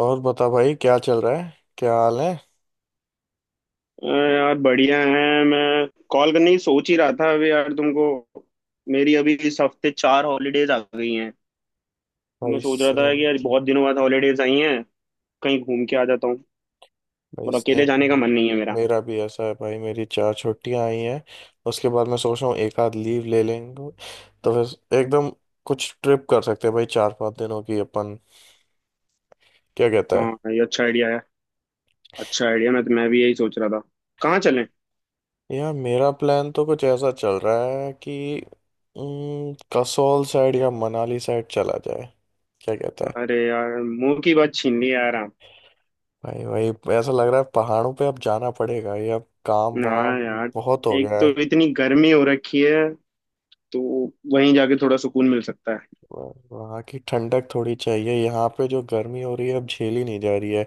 और बता भाई, क्या चल रहा है? क्या हाल है? यार बढ़िया है। मैं कॉल करने की सोच ही रहा था अभी यार तुमको। मेरी अभी इस हफ्ते 4 हॉलीडेज आ गई हैं। तो मैं भाई सोच रहा था सेम। कि यार बहुत दिनों बाद हॉलीडेज आई हैं। कहीं घूम के आ जाता हूँ भाई और अकेले जाने का सेम। मन नहीं है मेरा। मेरा भी ऐसा है भाई, मेरी 4 छुट्टियां आई हैं। उसके बाद मैं सोच रहा हूँ एक आध लीव ले लेंगे, तो फिर एकदम कुछ ट्रिप कर सकते हैं भाई 4-5 दिनों की अपन। क्या कहता है? हाँ, ये अच्छा आइडिया है। अच्छा आइडिया। मैं भी यही सोच रहा था। कहाँ चलें? यार मेरा प्लान तो कुछ ऐसा चल रहा है कि कसौल साइड या मनाली साइड चला जाए। क्या कहता है? अरे यार, मुंह की बात छीन ली यार आप। भाई भाई, ऐसा लग रहा है पहाड़ों पे अब जाना पड़ेगा, ये अब काम वाम हाँ यार। बहुत हो एक गया तो है। इतनी गर्मी हो रखी है। तो वहीं जाके थोड़ा सुकून मिल सकता है। वहाँ की ठंडक थोड़ी चाहिए, यहाँ पे जो गर्मी हो रही है अब झेली नहीं जा रही है।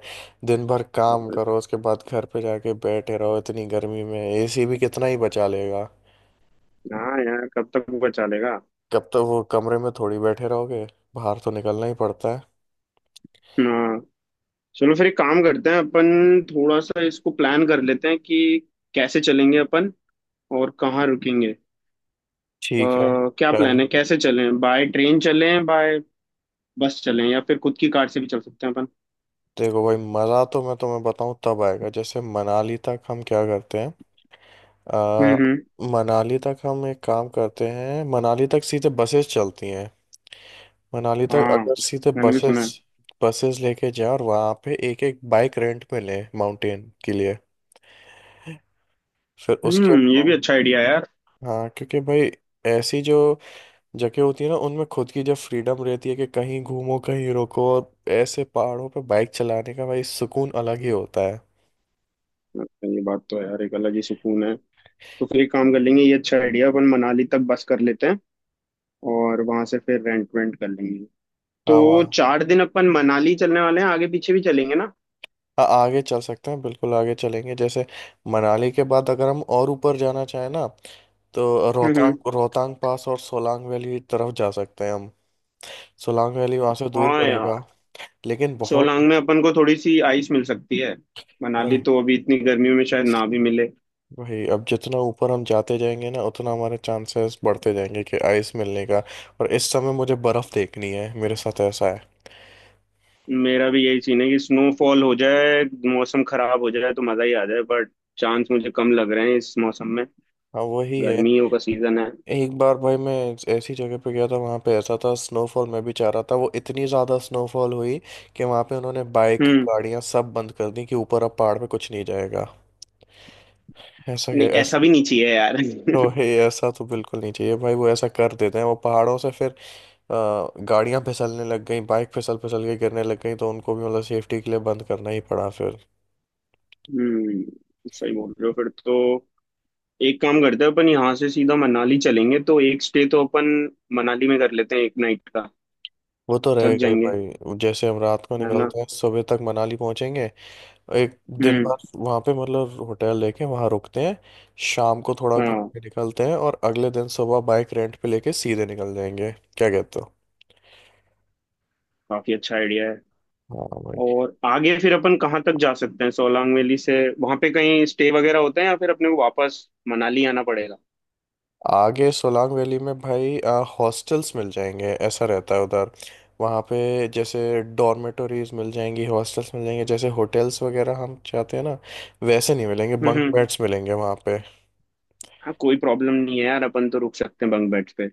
दिन भर काम करो उसके बाद घर पे जाके बैठे रहो, इतनी गर्मी में एसी भी कितना ही बचा लेगा। हाँ यार, कब तक बचा लेगा। कब तक वो कमरे में थोड़ी बैठे रहोगे, बाहर तो निकलना ही पड़ता है। हाँ। चलो फिर एक काम करते हैं अपन। थोड़ा सा इसको प्लान कर लेते हैं कि कैसे चलेंगे अपन और कहाँ रुकेंगे। अ, ठीक है। क्या डन। प्लान है? कैसे चलें, बाय ट्रेन चलें, बाय बस चलें, या फिर खुद की कार से भी चल सकते हैं अपन। देखो भाई, मज़ा तो मैं तुम्हें बताऊँ तब आएगा, जैसे मनाली तक हम क्या करते हैं। आ, हम्म। मनाली तक हम एक काम करते हैं, मनाली तक सीधे बसेस चलती हैं। मनाली तक हाँ, अगर सीधे मैंने भी बसेस, सुना है। बसेस लेके जाए और वहाँ पे एक एक बाइक रेंट पे ले माउंटेन के लिए, फिर उसके। हम्म, ये भी अच्छा आइडिया है यार। हाँ क्योंकि भाई, ऐसी जो जगह होती है ना, उनमें खुद की जब फ्रीडम रहती है कि कहीं घूमो कहीं रुको, और ऐसे पहाड़ों पे बाइक चलाने का भाई सुकून अलग ही होता है। ये बात तो है यार, एक अलग ही सुकून है। तो फिर एक काम कर लेंगे। ये अच्छा आइडिया, अपन मनाली तक बस कर लेते हैं और वहां से फिर रेंट वेंट कर लेंगे। तो हाँ वहाँ। 4 दिन अपन मनाली चलने वाले हैं, आगे पीछे भी चलेंगे ना। हाँ, आगे चल सकते हैं बिल्कुल, आगे चलेंगे जैसे मनाली के बाद अगर हम और ऊपर जाना चाहें ना, तो हम्म हम्म। रोहतांग, रोहतांग पास और सोलांग वैली तरफ जा सकते हैं हम। सोलांग वैली वहाँ से दूर हाँ पड़ेगा, यार। लेकिन बहुत। सोलांग में अपन को थोड़ी सी आइस मिल सकती है। मनाली वही तो अभी इतनी गर्मियों में शायद ना भी मिले। वही अब जितना ऊपर हम जाते जाएंगे ना उतना हमारे चांसेस बढ़ते जाएंगे कि आइस मिलने का, और इस समय मुझे बर्फ़ देखनी है, मेरे साथ ऐसा है। मेरा भी यही सीन है कि स्नोफॉल हो जाए, मौसम खराब हो जाए तो मजा ही आ जाए, बट चांस मुझे कम लग रहे हैं इस मौसम में। हाँ वही है। गर्मियों का सीजन है। एक बार भाई मैं ऐसी जगह पे गया था, वहाँ पे ऐसा था, स्नोफॉल मैं भी चाह रहा था, वो इतनी ज़्यादा स्नोफॉल हुई कि वहाँ पे उन्होंने बाइक हम्म। गाड़ियाँ सब बंद कर दी कि ऊपर अब पहाड़ पे कुछ नहीं जाएगा। ऐसा के नहीं, ऐसा ऐसा। भी नहीं चाहिए यार। तो वही, ऐसा तो बिल्कुल नहीं चाहिए भाई, वो ऐसा कर देते हैं, वो पहाड़ों से फिर गाड़ियां फिसलने लग गई, बाइक फिसल फिसल के गिरने लग गई, तो उनको भी मतलब सेफ्टी के लिए बंद करना ही पड़ा फिर। हम्म, सही बोल रहे हो। फिर तो एक काम करते हैं अपन, यहाँ से सीधा मनाली चलेंगे, तो एक स्टे तो अपन मनाली में कर लेते हैं 1 नाइट का। वो तो थक रहेगा ही जाएंगे, भाई, जैसे हम रात को है ना। निकलते हैं सुबह तक मनाली पहुंचेंगे। एक दिन हम्म। भर वहां पे मतलब होटल लेके वहां रुकते हैं, शाम को थोड़ा घूम हाँ, के निकलते हैं, और अगले दिन सुबह बाइक रेंट पे लेके सीधे निकल जाएंगे। क्या कहते हो? काफी अच्छा आइडिया है। हाँ भाई। और आगे फिर अपन कहाँ तक जा सकते हैं सोलांग वैली से? वहां पे कहीं स्टे वगैरह होता है या फिर अपने को वापस मनाली आना पड़ेगा? आगे सोलांग वैली में भाई हॉस्टल्स मिल जाएंगे, ऐसा रहता है उधर, वहाँ पे जैसे डॉर्मेटोरीज मिल जाएंगी, हॉस्टल्स मिल जाएंगे, जैसे होटल्स वगैरह हम चाहते हैं ना वैसे नहीं मिलेंगे, बंक हम्म। बेड्स मिलेंगे वहाँ पे। हाँ, कोई प्रॉब्लम नहीं है यार, अपन तो रुक सकते हैं बंक बेड्स पे।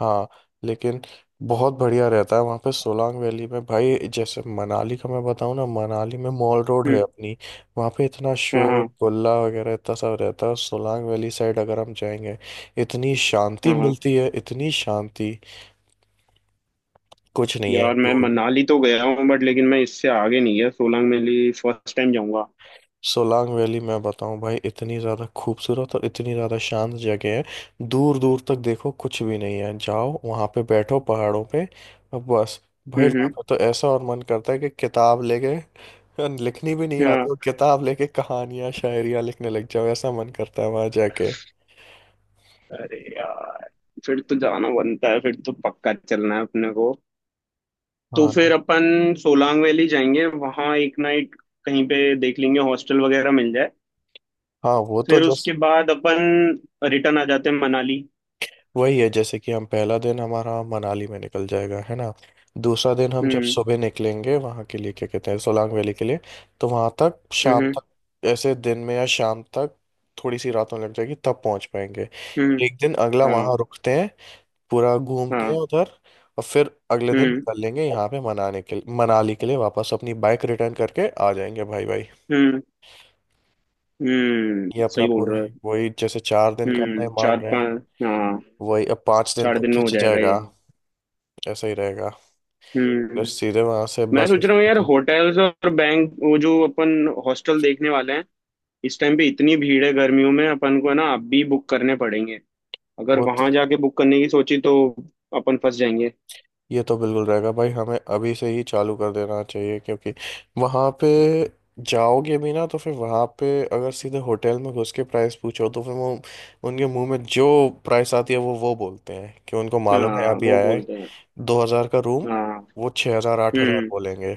हाँ, लेकिन बहुत बढ़िया रहता है वहाँ पे सोलांग वैली में भाई, जैसे मनाली का मैं बताऊँ ना, मनाली में मॉल रोड है हम्म। अपनी, वहाँ पे इतना हाँ शोर हाँ गुल्ला वगैरह इतना सब रहता है। सोलांग वैली साइड अगर हम जाएंगे, इतनी शांति हाँ। हाँ मिलती है, इतनी शांति, कुछ नहीं है। यार, मैं मनाली तो गया हूँ बट लेकिन मैं इससे आगे नहीं गया। सोलांग वैली फर्स्ट टाइम जाऊंगा। सोलांग वैली मैं बताऊं भाई, इतनी ज़्यादा खूबसूरत और इतनी ज़्यादा शांत जगह है। दूर दूर तक देखो कुछ भी नहीं है, जाओ वहाँ पे बैठो पहाड़ों पे और बस। भाई वहाँ हम्म। पे तो ऐसा और मन करता है कि किताब लेके, लिखनी भी नहीं आती और हाँ। किताब लेके कहानियाँ शायरियाँ लिखने लग जाओ, ऐसा मन करता है वहाँ जाके। अरे यार, फिर तो जाना बनता है, फिर तो पक्का चलना है अपने को। तो हाँ। फिर अपन सोलांग वैली जाएंगे, वहां 1 नाइट कहीं पे देख लेंगे हॉस्टल वगैरह मिल जाए। हाँ वो तो फिर जैसे। उसके बाद अपन रिटर्न आ जाते हैं मनाली। वही है जैसे कि हम, पहला दिन हमारा मनाली में निकल जाएगा, है ना? दूसरा दिन हम जब हम्म सुबह निकलेंगे वहाँ के लिए, क्या कहते हैं, सोलांग वैली के लिए, तो वहाँ तक शाम हम्म तक, ऐसे दिन में या शाम तक, थोड़ी सी रात होने लग जाएगी तब पहुँच पाएंगे। हम्म। एक दिन अगला हाँ वहाँ रुकते हैं, पूरा घूमते हैं हाँ। उधर, और फिर अगले दिन हम्म निकल लेंगे यहाँ पे मनाली के लिए वापस, अपनी बाइक रिटर्न करके आ जाएंगे भाई भाई। हम्म। हम्म, ये अपना सही बोल पूरा रहा है। है। वही जैसे 4 दिन का अपना हम्म, ये मान चार रहे हैं, पाँच। हाँ। वही अब 5 दिन चार तक दिन में हो खिंच जाएगा ये। जाएगा। ऐसा ही रहेगा। फिर हम्म। सीधे वहां से मैं बस सोच रहा हूँ यार स्टॉप-। होटल्स और बैंक, वो जो अपन हॉस्टल देखने वाले हैं, इस टाइम पे इतनी भीड़ है गर्मियों में, अपन को है ना अब भी बुक करने पड़ेंगे। अगर वो तो, वहां जाके बुक करने की सोची तो अपन फंस जाएंगे। ये तो बिल्कुल रहेगा भाई, हमें अभी से ही चालू कर देना चाहिए, क्योंकि वहां पे जाओगे भी ना तो फिर वहां पे अगर सीधे होटल में घुस के प्राइस पूछो, तो फिर वो, उनके मुंह में जो प्राइस आती है, वो बोलते हैं कि उनको मालूम है हाँ, अभी वो आया है। बोलते हैं। 2,000 का रूम हाँ। वो 6,000 8,000 हम्म। बोलेंगे।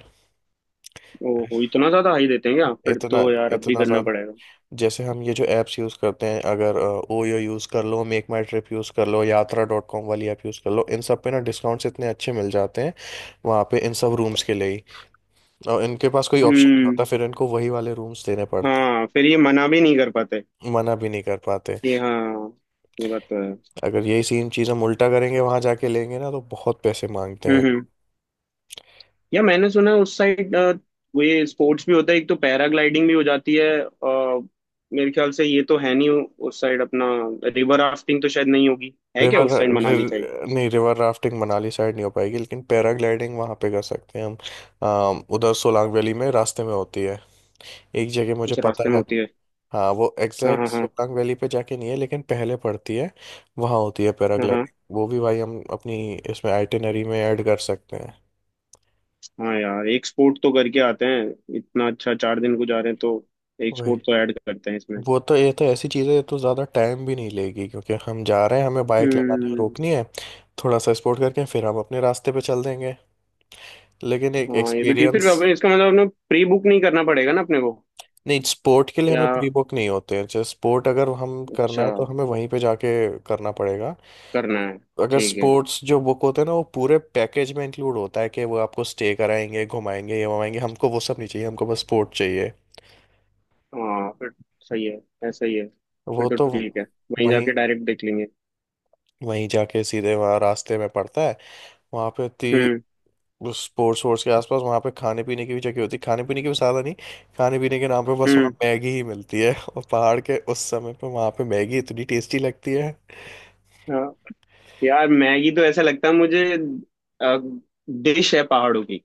ओहो, इतना ज्यादा हाई देते हैं क्या? फिर इतना, तो यार अब भी इतना करना ज्यादा। पड़ेगा। जैसे हम ये जो ऐप्स यूज़ करते हैं, अगर ओयो यूज़ कर लो, मेक माई ट्रिप यूज़ कर लो, यात्रा डॉट कॉम वाली ऐप यूज़ कर लो, इन सब पे ना डिस्काउंट्स इतने अच्छे मिल जाते हैं वहाँ पे, इन सब रूम्स के लिए ही। और इनके पास कोई ऑप्शन नहीं हम्म। होता, फिर इनको वही वाले रूम्स देने पड़ते हाँ, फिर ये मना भी नहीं कर पाते। हैं, मना भी नहीं कर पाते। ये हाँ। ये बात तो है। अगर यही सेम चीज़ हम उल्टा करेंगे वहाँ जाके लेंगे ना, तो बहुत पैसे मांगते हैं। हम्म। या मैंने सुना है उस साइड वो ये स्पोर्ट्स भी होता है, एक तो पैराग्लाइडिंग भी हो जाती है। मेरे ख्याल से ये तो है नहीं, उस साइड अपना रिवर राफ्टिंग तो शायद नहीं होगी, है क्या रिवर, उस साइड मनाली साइड। नहीं रिवर राफ्टिंग मनाली साइड नहीं हो पाएगी, लेकिन पैराग्लाइडिंग वहाँ पे कर सकते हैं हम। उधर सोलांग वैली में रास्ते में होती है, एक जगह मुझे कुछ रास्ते पता में है। होती है। हाँ वो हाँ एग्जैक्ट हाँ हाँ। सोलांग वैली पे जाके नहीं है लेकिन पहले पड़ती है, वहाँ होती है हाँ हाँ पैराग्लाइडिंग, वो भी भाई हम अपनी इसमें आइटिनरी में ऐड कर सकते हैं। हाँ। यार एक स्पोर्ट तो करके आते हैं, इतना अच्छा 4 दिन को जा रहे हैं, तो एक स्पोर्ट वही, तो ऐड करते हैं इसमें। वो तो, ये तो ऐसी चीज़ है, ये तो ज़्यादा टाइम भी नहीं लेगी, क्योंकि हम जा रहे हैं, हमें बाइक लगानी है हम्म। रोकनी है, थोड़ा सा स्पोर्ट करके फिर हम अपने रास्ते पे चल देंगे, लेकिन एक हाँ, ये भी ठीक। फिर एक्सपीरियंस। इसका मतलब अपने प्री बुक नहीं करना पड़ेगा ना अपने को? नहीं स्पोर्ट के लिए या हमें प्री बुक नहीं होते हैं, जैसे स्पोर्ट अगर हम करना अच्छा, है तो हमें वहीं पे जाके करना पड़ेगा। करना है। अगर ठीक है। स्पोर्ट्स जो बुक होते हैं ना, वो पूरे पैकेज में इंक्लूड होता है कि वो आपको स्टे कराएंगे, घुमाएंगे, ये घुमाएंगे, हमको वो सब नहीं चाहिए, हमको बस स्पोर्ट चाहिए। हाँ, फिर सही है, ऐसा ही है। फिर वो तो तो ठीक है, वहीं वहीं, जाके डायरेक्ट देख लेंगे। वहीं जाके सीधे वहाँ रास्ते में पड़ता है, वहाँ पे हम्म इतनी स्पोर्ट्स वोर्ट्स के आसपास वहाँ पे खाने पीने की भी जगह होती है, खाने पीने की भी साधन नहीं, खाने पीने के नाम पे बस वहाँ हम्म। मैगी ही मिलती है, और पहाड़ के उस समय पे वहाँ पे मैगी इतनी टेस्टी लगती है। हाँ। यार, मैगी तो ऐसा लगता है मुझे डिश है पहाड़ों की।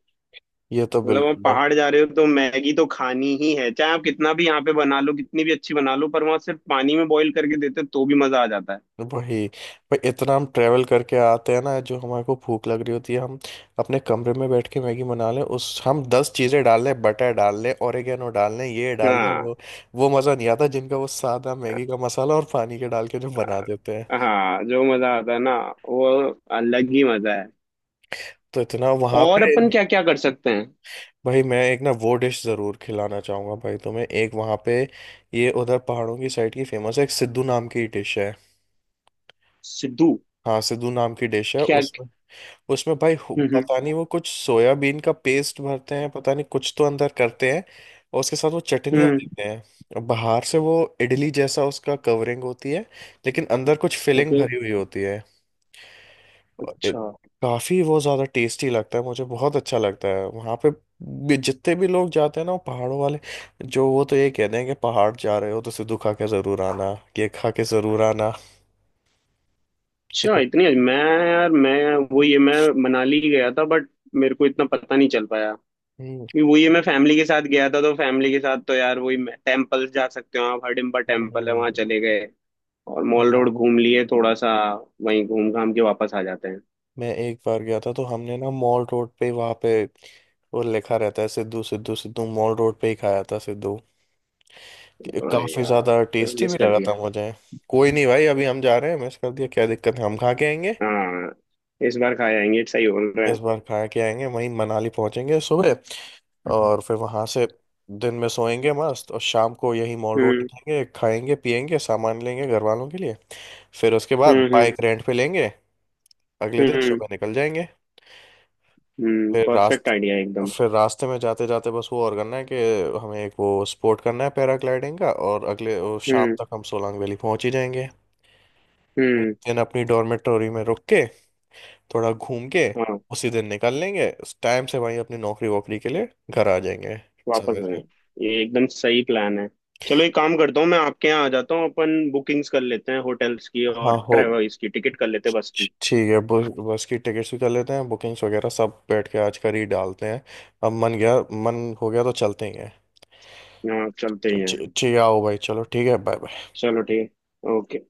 ये तो मतलब आप बिल्कुल है। पहाड़ जा रहे हो तो मैगी तो खानी ही है, चाहे आप कितना भी यहाँ पे बना लो, कितनी भी अच्छी बना लो, पर वहां सिर्फ पानी में बॉईल करके देते हैं, तो भी मजा आ जाता है। वही, भाई इतना हम ट्रैवल करके आते हैं ना, जो हमारे को भूख लग रही होती है, हम अपने कमरे में बैठ के मैगी बना लें, उस हम 10 चीज़ें डाल लें, बटर डाल लें, ओरिगेनो डाल लें, ये डाल लें हाँ वो मज़ा नहीं आता, जिनका वो सादा मैगी का मसाला और पानी के डाल के जो बना देते हैं। हाँ, जो मजा आता है ना, वो अलग ही मजा। तो इतना वहाँ और पे। अपन क्या क्या कर सकते हैं? भाई मैं एक ना वो डिश ज़रूर खिलाना चाहूँगा भाई तुम्हें, एक वहाँ पे, ये उधर पहाड़ों की साइड की फेमस है, एक सिद्धू नाम की डिश है। सिद्धू? हाँ सिद्धू नाम की डिश है क्या? उसमें। उसमें भाई हम्म पता हम्म नहीं, वो कुछ सोयाबीन का पेस्ट भरते हैं, पता नहीं कुछ तो अंदर करते हैं, और उसके साथ वो चटनियाँ हम्म, देते हैं, और बाहर से वो इडली जैसा उसका कवरिंग होती है, लेकिन अंदर कुछ फिलिंग ओके। भरी हुई होती है। और अच्छा। काफी वो ज्यादा टेस्टी लगता है मुझे, बहुत अच्छा लगता है वहां पे। जितने भी लोग जाते हैं ना वो पहाड़ों वाले जो, वो तो ये कहते हैं कि पहाड़ जा रहे हो तो सिद्धू खा के जरूर आना, ये खा के जरूर आना। अच्छा, इतना, इतनी मैं। यार, मैं वो ये मैं मनाली गया था बट मेरे को इतना पता नहीं चल पाया। हम्म, ये- वो ये मैं फैमिली के साथ गया था, तो फैमिली के साथ तो यार वही टेम्पल्स जा सकते हो आप, हडिम्बा हम्म, टेम्पल है हम्म, वहाँ चले हम्म। गए, और मॉल रोड हाँ घूम लिए थोड़ा सा, वहीं घूम घाम के वापस आ जाते हैं। मैं एक बार गया था तो हमने ना मॉल रोड पे वहाँ पे वो लिखा रहता है सिद्धू, सिद्धू सिद्धू मॉल रोड पे ही खाया था सिद्धू। अरे काफी ज्यादा यार, टेस्टी मिस भी कर लगा दिया। था मुझे। कोई नहीं भाई, अभी हम जा रहे हैं, मिस कर दिया क्या दिक्कत है, हम खा के आएंगे। हाँ, इस बार खा आएंगे, सही बोल रहे हैं। इस बार खा के आएंगे वहीं, मनाली पहुंचेंगे सुबह और फिर वहां से दिन में सोएंगे मस्त, और शाम को यही मॉल रोड हम्म निकलेंगे, खाएंगे पिएंगे, सामान लेंगे घर वालों के लिए। फिर उसके बाद हम्म हम्म बाइक रेंट पे लेंगे, अगले दिन हम्म। सुबह निकल जाएंगे। हम्म, फिर परफेक्ट रास्ते, आइडिया एकदम। फिर रास्ते में जाते जाते बस वो और करना है कि हमें एक वो स्पोर्ट करना है पैराग्लाइडिंग का, और अगले वो शाम हम्म तक हम सोलांग वैली पहुंच ही जाएंगे। एक हम्म। दिन अपनी डॉर्मेटोरी में रुक के, थोड़ा घूम के हाँ, उसी दिन निकल लेंगे उस टाइम से, वहीं अपनी नौकरी वोकरी के लिए घर आ जाएंगे समय वापस आए। से। ये एकदम सही प्लान है। चलो एक काम करता हूँ, मैं आपके यहाँ आ जाता हूँ, अपन बुकिंग्स कर लेते हैं होटल्स की हाँ और हो, ट्रेवल्स की टिकट कर लेते हैं बस की। ठीक है, बस बस की टिकट्स भी कर लेते हैं, बुकिंग्स वगैरह सब बैठ के आज कर ही डालते हैं, अब मन गया मन हो गया तो चलते ही हैं। यहाँ चलते ही हैं। ठीक है, आओ भाई, चलो ठीक है बाय। चलो ठीक है, ओके।